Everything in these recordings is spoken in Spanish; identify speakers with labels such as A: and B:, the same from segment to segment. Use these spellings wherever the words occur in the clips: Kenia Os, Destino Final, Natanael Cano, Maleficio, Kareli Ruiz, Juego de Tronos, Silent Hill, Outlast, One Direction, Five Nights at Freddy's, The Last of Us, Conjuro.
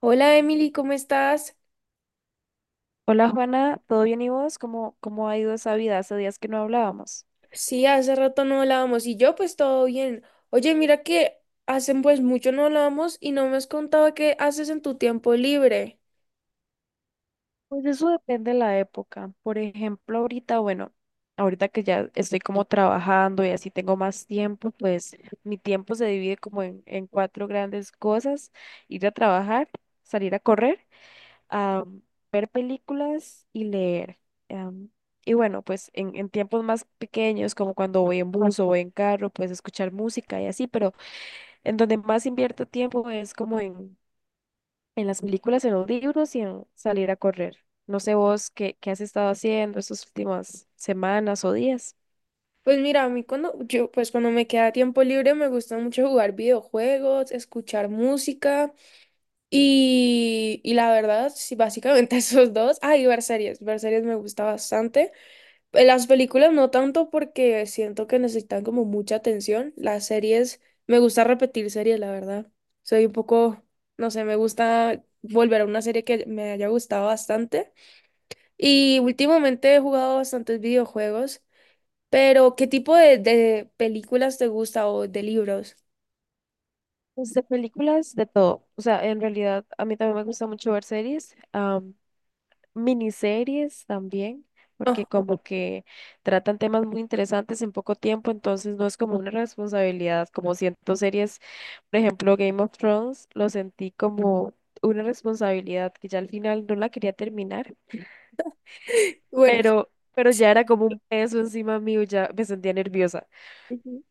A: Hola Emily, ¿cómo estás?
B: Hola Juana, ¿todo bien y vos? ¿Cómo ha ido esa vida? Hace días que no hablábamos.
A: Sí, hace rato no hablábamos y yo pues todo bien. Oye, mira que hace pues mucho no hablábamos y no me has contado qué haces en tu tiempo libre.
B: Pues eso depende de la época. Por ejemplo, ahorita, bueno, ahorita que ya estoy como trabajando y así tengo más tiempo, pues mi tiempo se divide como en cuatro grandes cosas. Ir a trabajar, salir a correr, a ver películas y leer. Am, y bueno, pues en tiempos más pequeños, como cuando voy en bus o voy en carro, pues escuchar música y así, pero en donde más invierto tiempo es como en las películas, en los libros y en salir a correr. No sé vos qué has estado haciendo estas últimas semanas o días.
A: Pues mira, a mí cuando yo pues cuando me queda tiempo libre me gusta mucho jugar videojuegos, escuchar música y la verdad, sí, básicamente esos dos. Ah, y ver series me gusta bastante. En las películas no tanto porque siento que necesitan como mucha atención. Las series, me gusta repetir series, la verdad. Soy un poco, no sé, me gusta volver a una serie que me haya gustado bastante. Y últimamente he jugado bastantes videojuegos, pero ¿qué tipo de películas te gusta o de libros?
B: Pues de películas, de todo. O sea, en realidad a mí también me gusta mucho ver series, miniseries también, porque
A: Ajá.
B: como que tratan temas muy interesantes en poco tiempo, entonces no es como una responsabilidad, como siento series, por ejemplo, Game of Thrones, lo sentí como una responsabilidad que ya al final no la quería terminar
A: Bueno,
B: pero ya era como un peso encima mío, ya me sentía nerviosa.
A: ujú,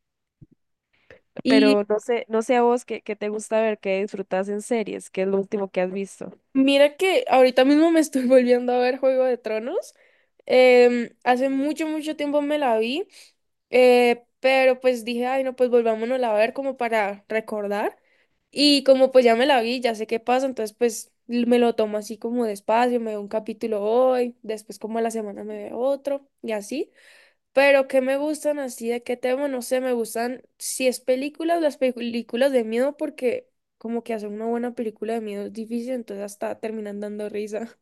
A: y
B: Pero no sé, no sé a vos qué te gusta ver, qué disfrutas en series, qué es lo último que has visto.
A: mira que ahorita mismo me estoy volviendo a ver Juego de Tronos. Hace mucho, mucho tiempo me la vi, pero pues dije, ay, no, pues volvámonos a ver como para recordar. Y como pues ya me la vi, ya sé qué pasa, entonces pues me lo tomo así como despacio, me veo un capítulo hoy, después como a la semana me veo otro y así. Pero que me gustan así, de qué tema, no sé, me gustan, si es películas, las películas de miedo, porque como que hacer una buena película de miedo es difícil, entonces hasta terminan dando risa.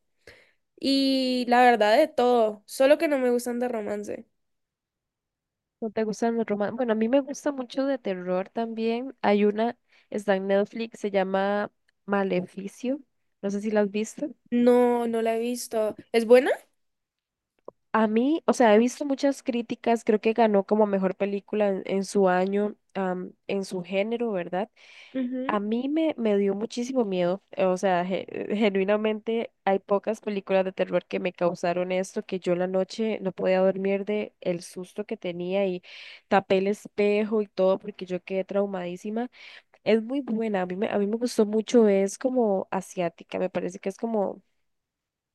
A: Y la verdad de todo, solo que no me gustan de romance.
B: ¿No te gustan los romances? Bueno, a mí me gusta mucho de terror también. Hay una, está en Netflix, se llama Maleficio. No sé si la has visto.
A: No, no la he visto. ¿Es buena?
B: A mí, o sea, he visto muchas críticas, creo que ganó como mejor película en su año, en su género, ¿verdad?
A: Ujú,
B: A mí me dio muchísimo miedo, o sea, genuinamente hay pocas películas de terror que me causaron esto, que yo la noche no podía dormir de el susto que tenía y tapé el espejo y todo porque yo quedé traumadísima. Es muy buena, a a mí me gustó mucho, es como asiática, me parece que es como,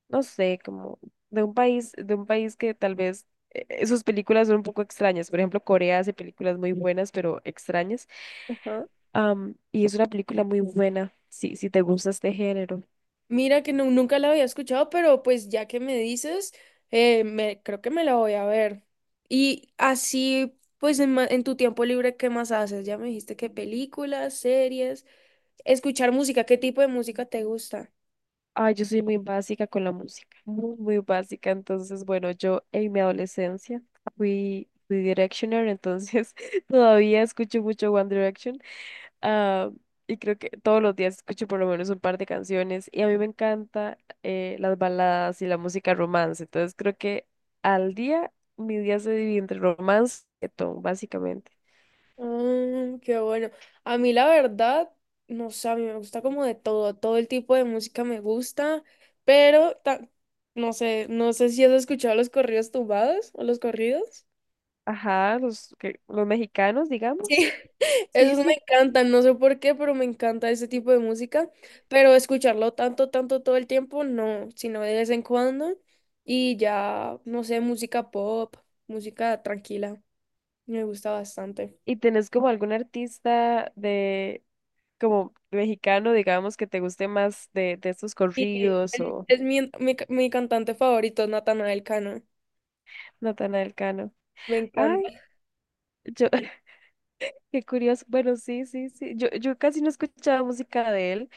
B: no sé, como de un país que tal vez sus películas son un poco extrañas. Por ejemplo, Corea hace películas muy buenas, pero extrañas.
A: ajá.
B: Y es una película muy buena, si, si te gusta este género.
A: Mira que no, nunca la había escuchado, pero pues ya que me dices, creo que me la voy a ver. Y así, pues en tu tiempo libre, ¿qué más haces? Ya me dijiste que películas, series, escuchar música, ¿qué tipo de música te gusta?
B: Ay, yo soy muy básica con la música, muy, muy básica. Entonces, bueno, yo en mi adolescencia fui Directioner, entonces todavía escucho mucho One Direction. Ah, y creo que todos los días escucho por lo menos un par de canciones. Y a mí me encanta las baladas y la música romance. Entonces, creo que al día, mi día se divide entre romance y reggaetón, básicamente.
A: Mm, qué bueno. A mí la verdad, no sé, a mí me gusta como de todo, todo el tipo de música me gusta, pero no sé, no sé si has escuchado los corridos tumbados o los corridos.
B: Ajá, los, los mexicanos, digamos.
A: Sí,
B: Sí,
A: esos me
B: sí.
A: encantan, no sé por qué, pero me encanta ese tipo de música, pero escucharlo tanto, tanto todo el tiempo, no, sino de vez en cuando y ya, no sé, música pop, música tranquila, me gusta bastante.
B: ¿Y tenés como algún artista de como mexicano, digamos, que te guste más de estos
A: Y
B: corridos o
A: es mi cantante favorito, Natanael Cano,
B: Natanael Cano?
A: me encanta.
B: Ay, yo, qué curioso. Bueno, sí, sí, sí. Yo casi no escuchaba música de él.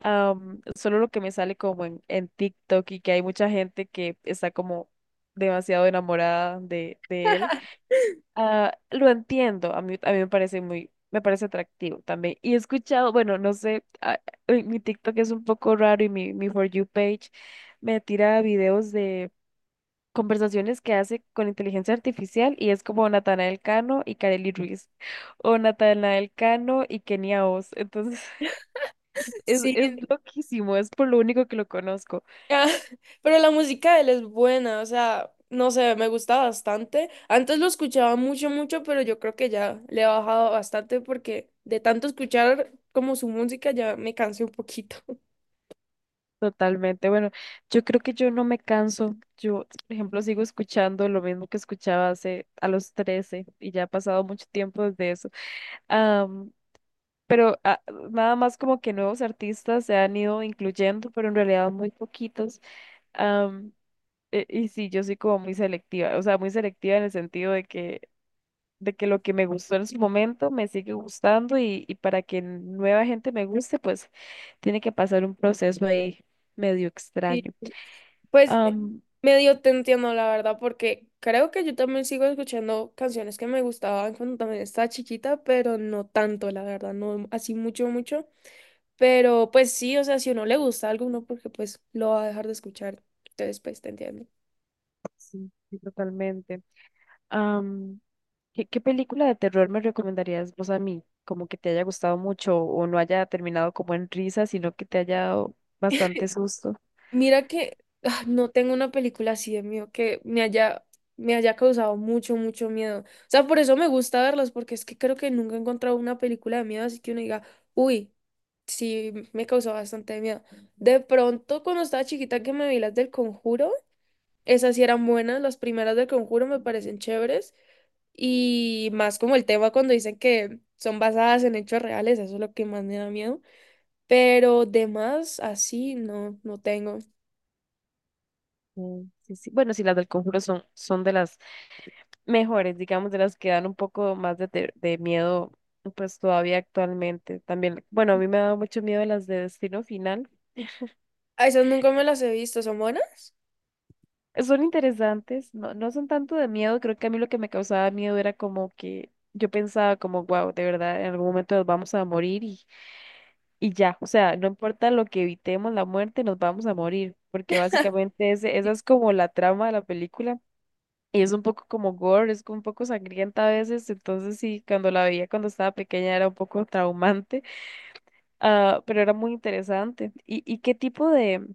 B: Solo lo que me sale como en TikTok y que hay mucha gente que está como demasiado enamorada de él. Ah, lo entiendo, a mí me parece muy, me parece atractivo también. Y he escuchado, bueno, no sé, mi TikTok es un poco raro y mi For You page me tira videos de conversaciones que hace con inteligencia artificial y es como Natanael Cano y Kareli Ruiz o Natanael Cano y Kenia Os. Entonces,
A: Sí,
B: es loquísimo, es por lo único que lo conozco.
A: ah. Pero la música de él es buena, o sea, no sé, me gusta bastante. Antes lo escuchaba mucho, mucho, pero yo creo que ya le he bajado bastante porque de tanto escuchar como su música ya me cansé un poquito.
B: Totalmente. Bueno, yo creo que yo no me canso. Yo, por ejemplo, sigo escuchando lo mismo que escuchaba hace a los 13 y ya ha pasado mucho tiempo desde eso. Am, pero nada más como que nuevos artistas se han ido incluyendo, pero en realidad muy poquitos. Am, y sí, yo soy como muy selectiva, o sea, muy selectiva en el sentido de que lo que me gustó en su momento me sigue gustando y para que nueva gente me guste, pues tiene que pasar un proceso ahí medio
A: Y
B: extraño.
A: pues medio te entiendo, la verdad, porque creo que yo también sigo escuchando canciones que me gustaban cuando también estaba chiquita, pero no tanto, la verdad, no así mucho, mucho. Pero pues sí, o sea, si uno le gusta algo, uno porque pues lo va a dejar de escuchar. Entonces, pues te entiendo.
B: Sí, sí, totalmente. Am, ¿qué película de terror me recomendarías vos a mí? Como que te haya gustado mucho o no haya terminado como en risa, sino que te haya dado bastante susto.
A: Mira que no tengo una película así de miedo que me haya causado mucho, mucho miedo. O sea, por eso me gusta verlas, porque es que creo que nunca he encontrado una película de miedo así que uno diga, uy, sí, me causó bastante miedo. De pronto, cuando estaba chiquita que me vi las del Conjuro, esas sí eran buenas, las primeras del Conjuro me parecen chéveres. Y más como el tema cuando dicen que son basadas en hechos reales, eso es lo que más me da miedo. Pero de más, así no, no tengo.
B: Mm, sí, sí. Bueno, sí, las del Conjuro son, son de las mejores, digamos, de las que dan un poco más de miedo, pues todavía actualmente. También, bueno, a mí me ha dado mucho miedo las de Destino Final.
A: A esas nunca me las he visto, ¿son buenas?
B: Son interesantes, no, no son tanto de miedo, creo que a mí lo que me causaba miedo era como que yo pensaba como, wow, de verdad, en algún momento nos vamos a morir y ya, o sea, no importa lo que evitemos la muerte, nos vamos a morir, porque básicamente ese, esa es como la trama de la película y es un poco como gore, es un poco sangrienta a veces, entonces sí, cuando la veía cuando estaba pequeña era un poco traumante. Ah, pero era muy interesante. Y qué tipo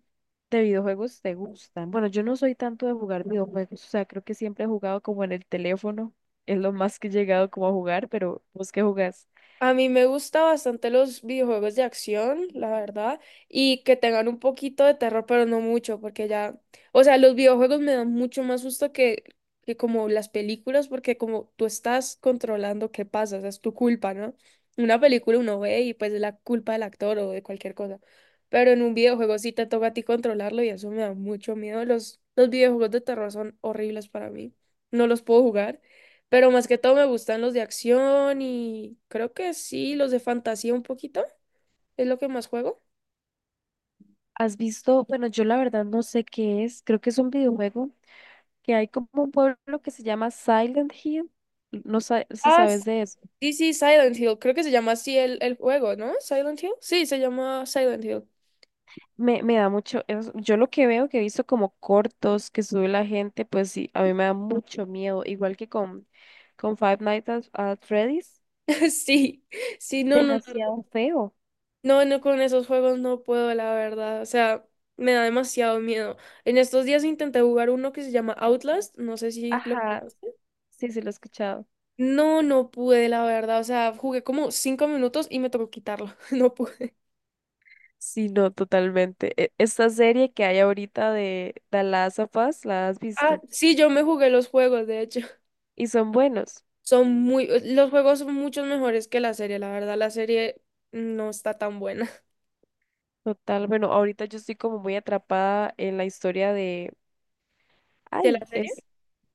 B: de videojuegos te gustan? Bueno, yo no soy tanto de jugar videojuegos, o sea, creo que siempre he jugado como en el teléfono, es lo más que he llegado como a jugar, pero ¿vos qué jugás?
A: A mí me gusta bastante los videojuegos de acción, la verdad, y que tengan un poquito de terror, pero no mucho, porque ya, o sea, los videojuegos me dan mucho más susto que como las películas, porque como tú estás controlando qué pasa, o sea, es tu culpa, ¿no? Una película uno ve y pues es la culpa del actor o de cualquier cosa, pero en un videojuego sí te toca a ti controlarlo y eso me da mucho miedo. Los videojuegos de terror son horribles para mí, no los puedo jugar. Pero más que todo me gustan los de acción y creo que sí, los de fantasía un poquito. Es lo que más juego.
B: ¿Has visto? Bueno, yo la verdad no sé qué es, creo que es un videojuego que hay como un pueblo que se llama Silent Hill, no sé si
A: Ah, s-
B: sabes de eso.
A: sí, sí, Silent Hill. Creo que se llama así el juego, ¿no? Silent Hill. Sí, se llama Silent Hill.
B: Me da mucho, yo lo que veo que he visto como cortos que sube la gente, pues sí, a mí me da mucho miedo, igual que con Five Nights at Freddy's,
A: Sí, sí, no, no, no,
B: demasiado feo.
A: no, no, con esos juegos no puedo, la verdad. O sea, me da demasiado miedo. En estos días intenté jugar uno que se llama Outlast. No sé si lo
B: Ajá,
A: conoces.
B: sí, sí lo he escuchado.
A: No, no pude, la verdad. O sea, jugué como 5 minutos y me tocó quitarlo. No pude.
B: Sí, no, totalmente. Esta serie que hay ahorita de The Last of Us, ¿la has
A: Ah,
B: visto?
A: sí, yo me jugué los juegos, de hecho.
B: Y son buenos,
A: Son muy, los juegos son muchos mejores que la serie, la verdad, la serie no está tan buena.
B: total. Bueno, ahorita yo estoy como muy atrapada en la historia de,
A: ¿De la
B: ay,
A: serie?
B: es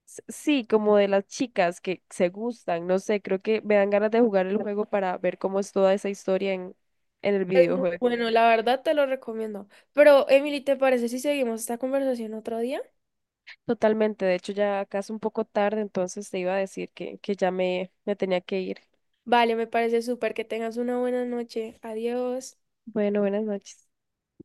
B: Sí, como de las chicas que se gustan, no sé, creo que me dan ganas de jugar el juego para ver cómo es toda esa historia en el
A: Es muy
B: videojuego.
A: bueno, la verdad te lo recomiendo. Pero, Emily, ¿te parece si seguimos esta conversación otro día?
B: Totalmente, de hecho ya acá es un poco tarde, entonces te iba a decir que ya me tenía que ir.
A: Vale, me parece súper que tengas una buena noche. Adiós.
B: Bueno, buenas noches.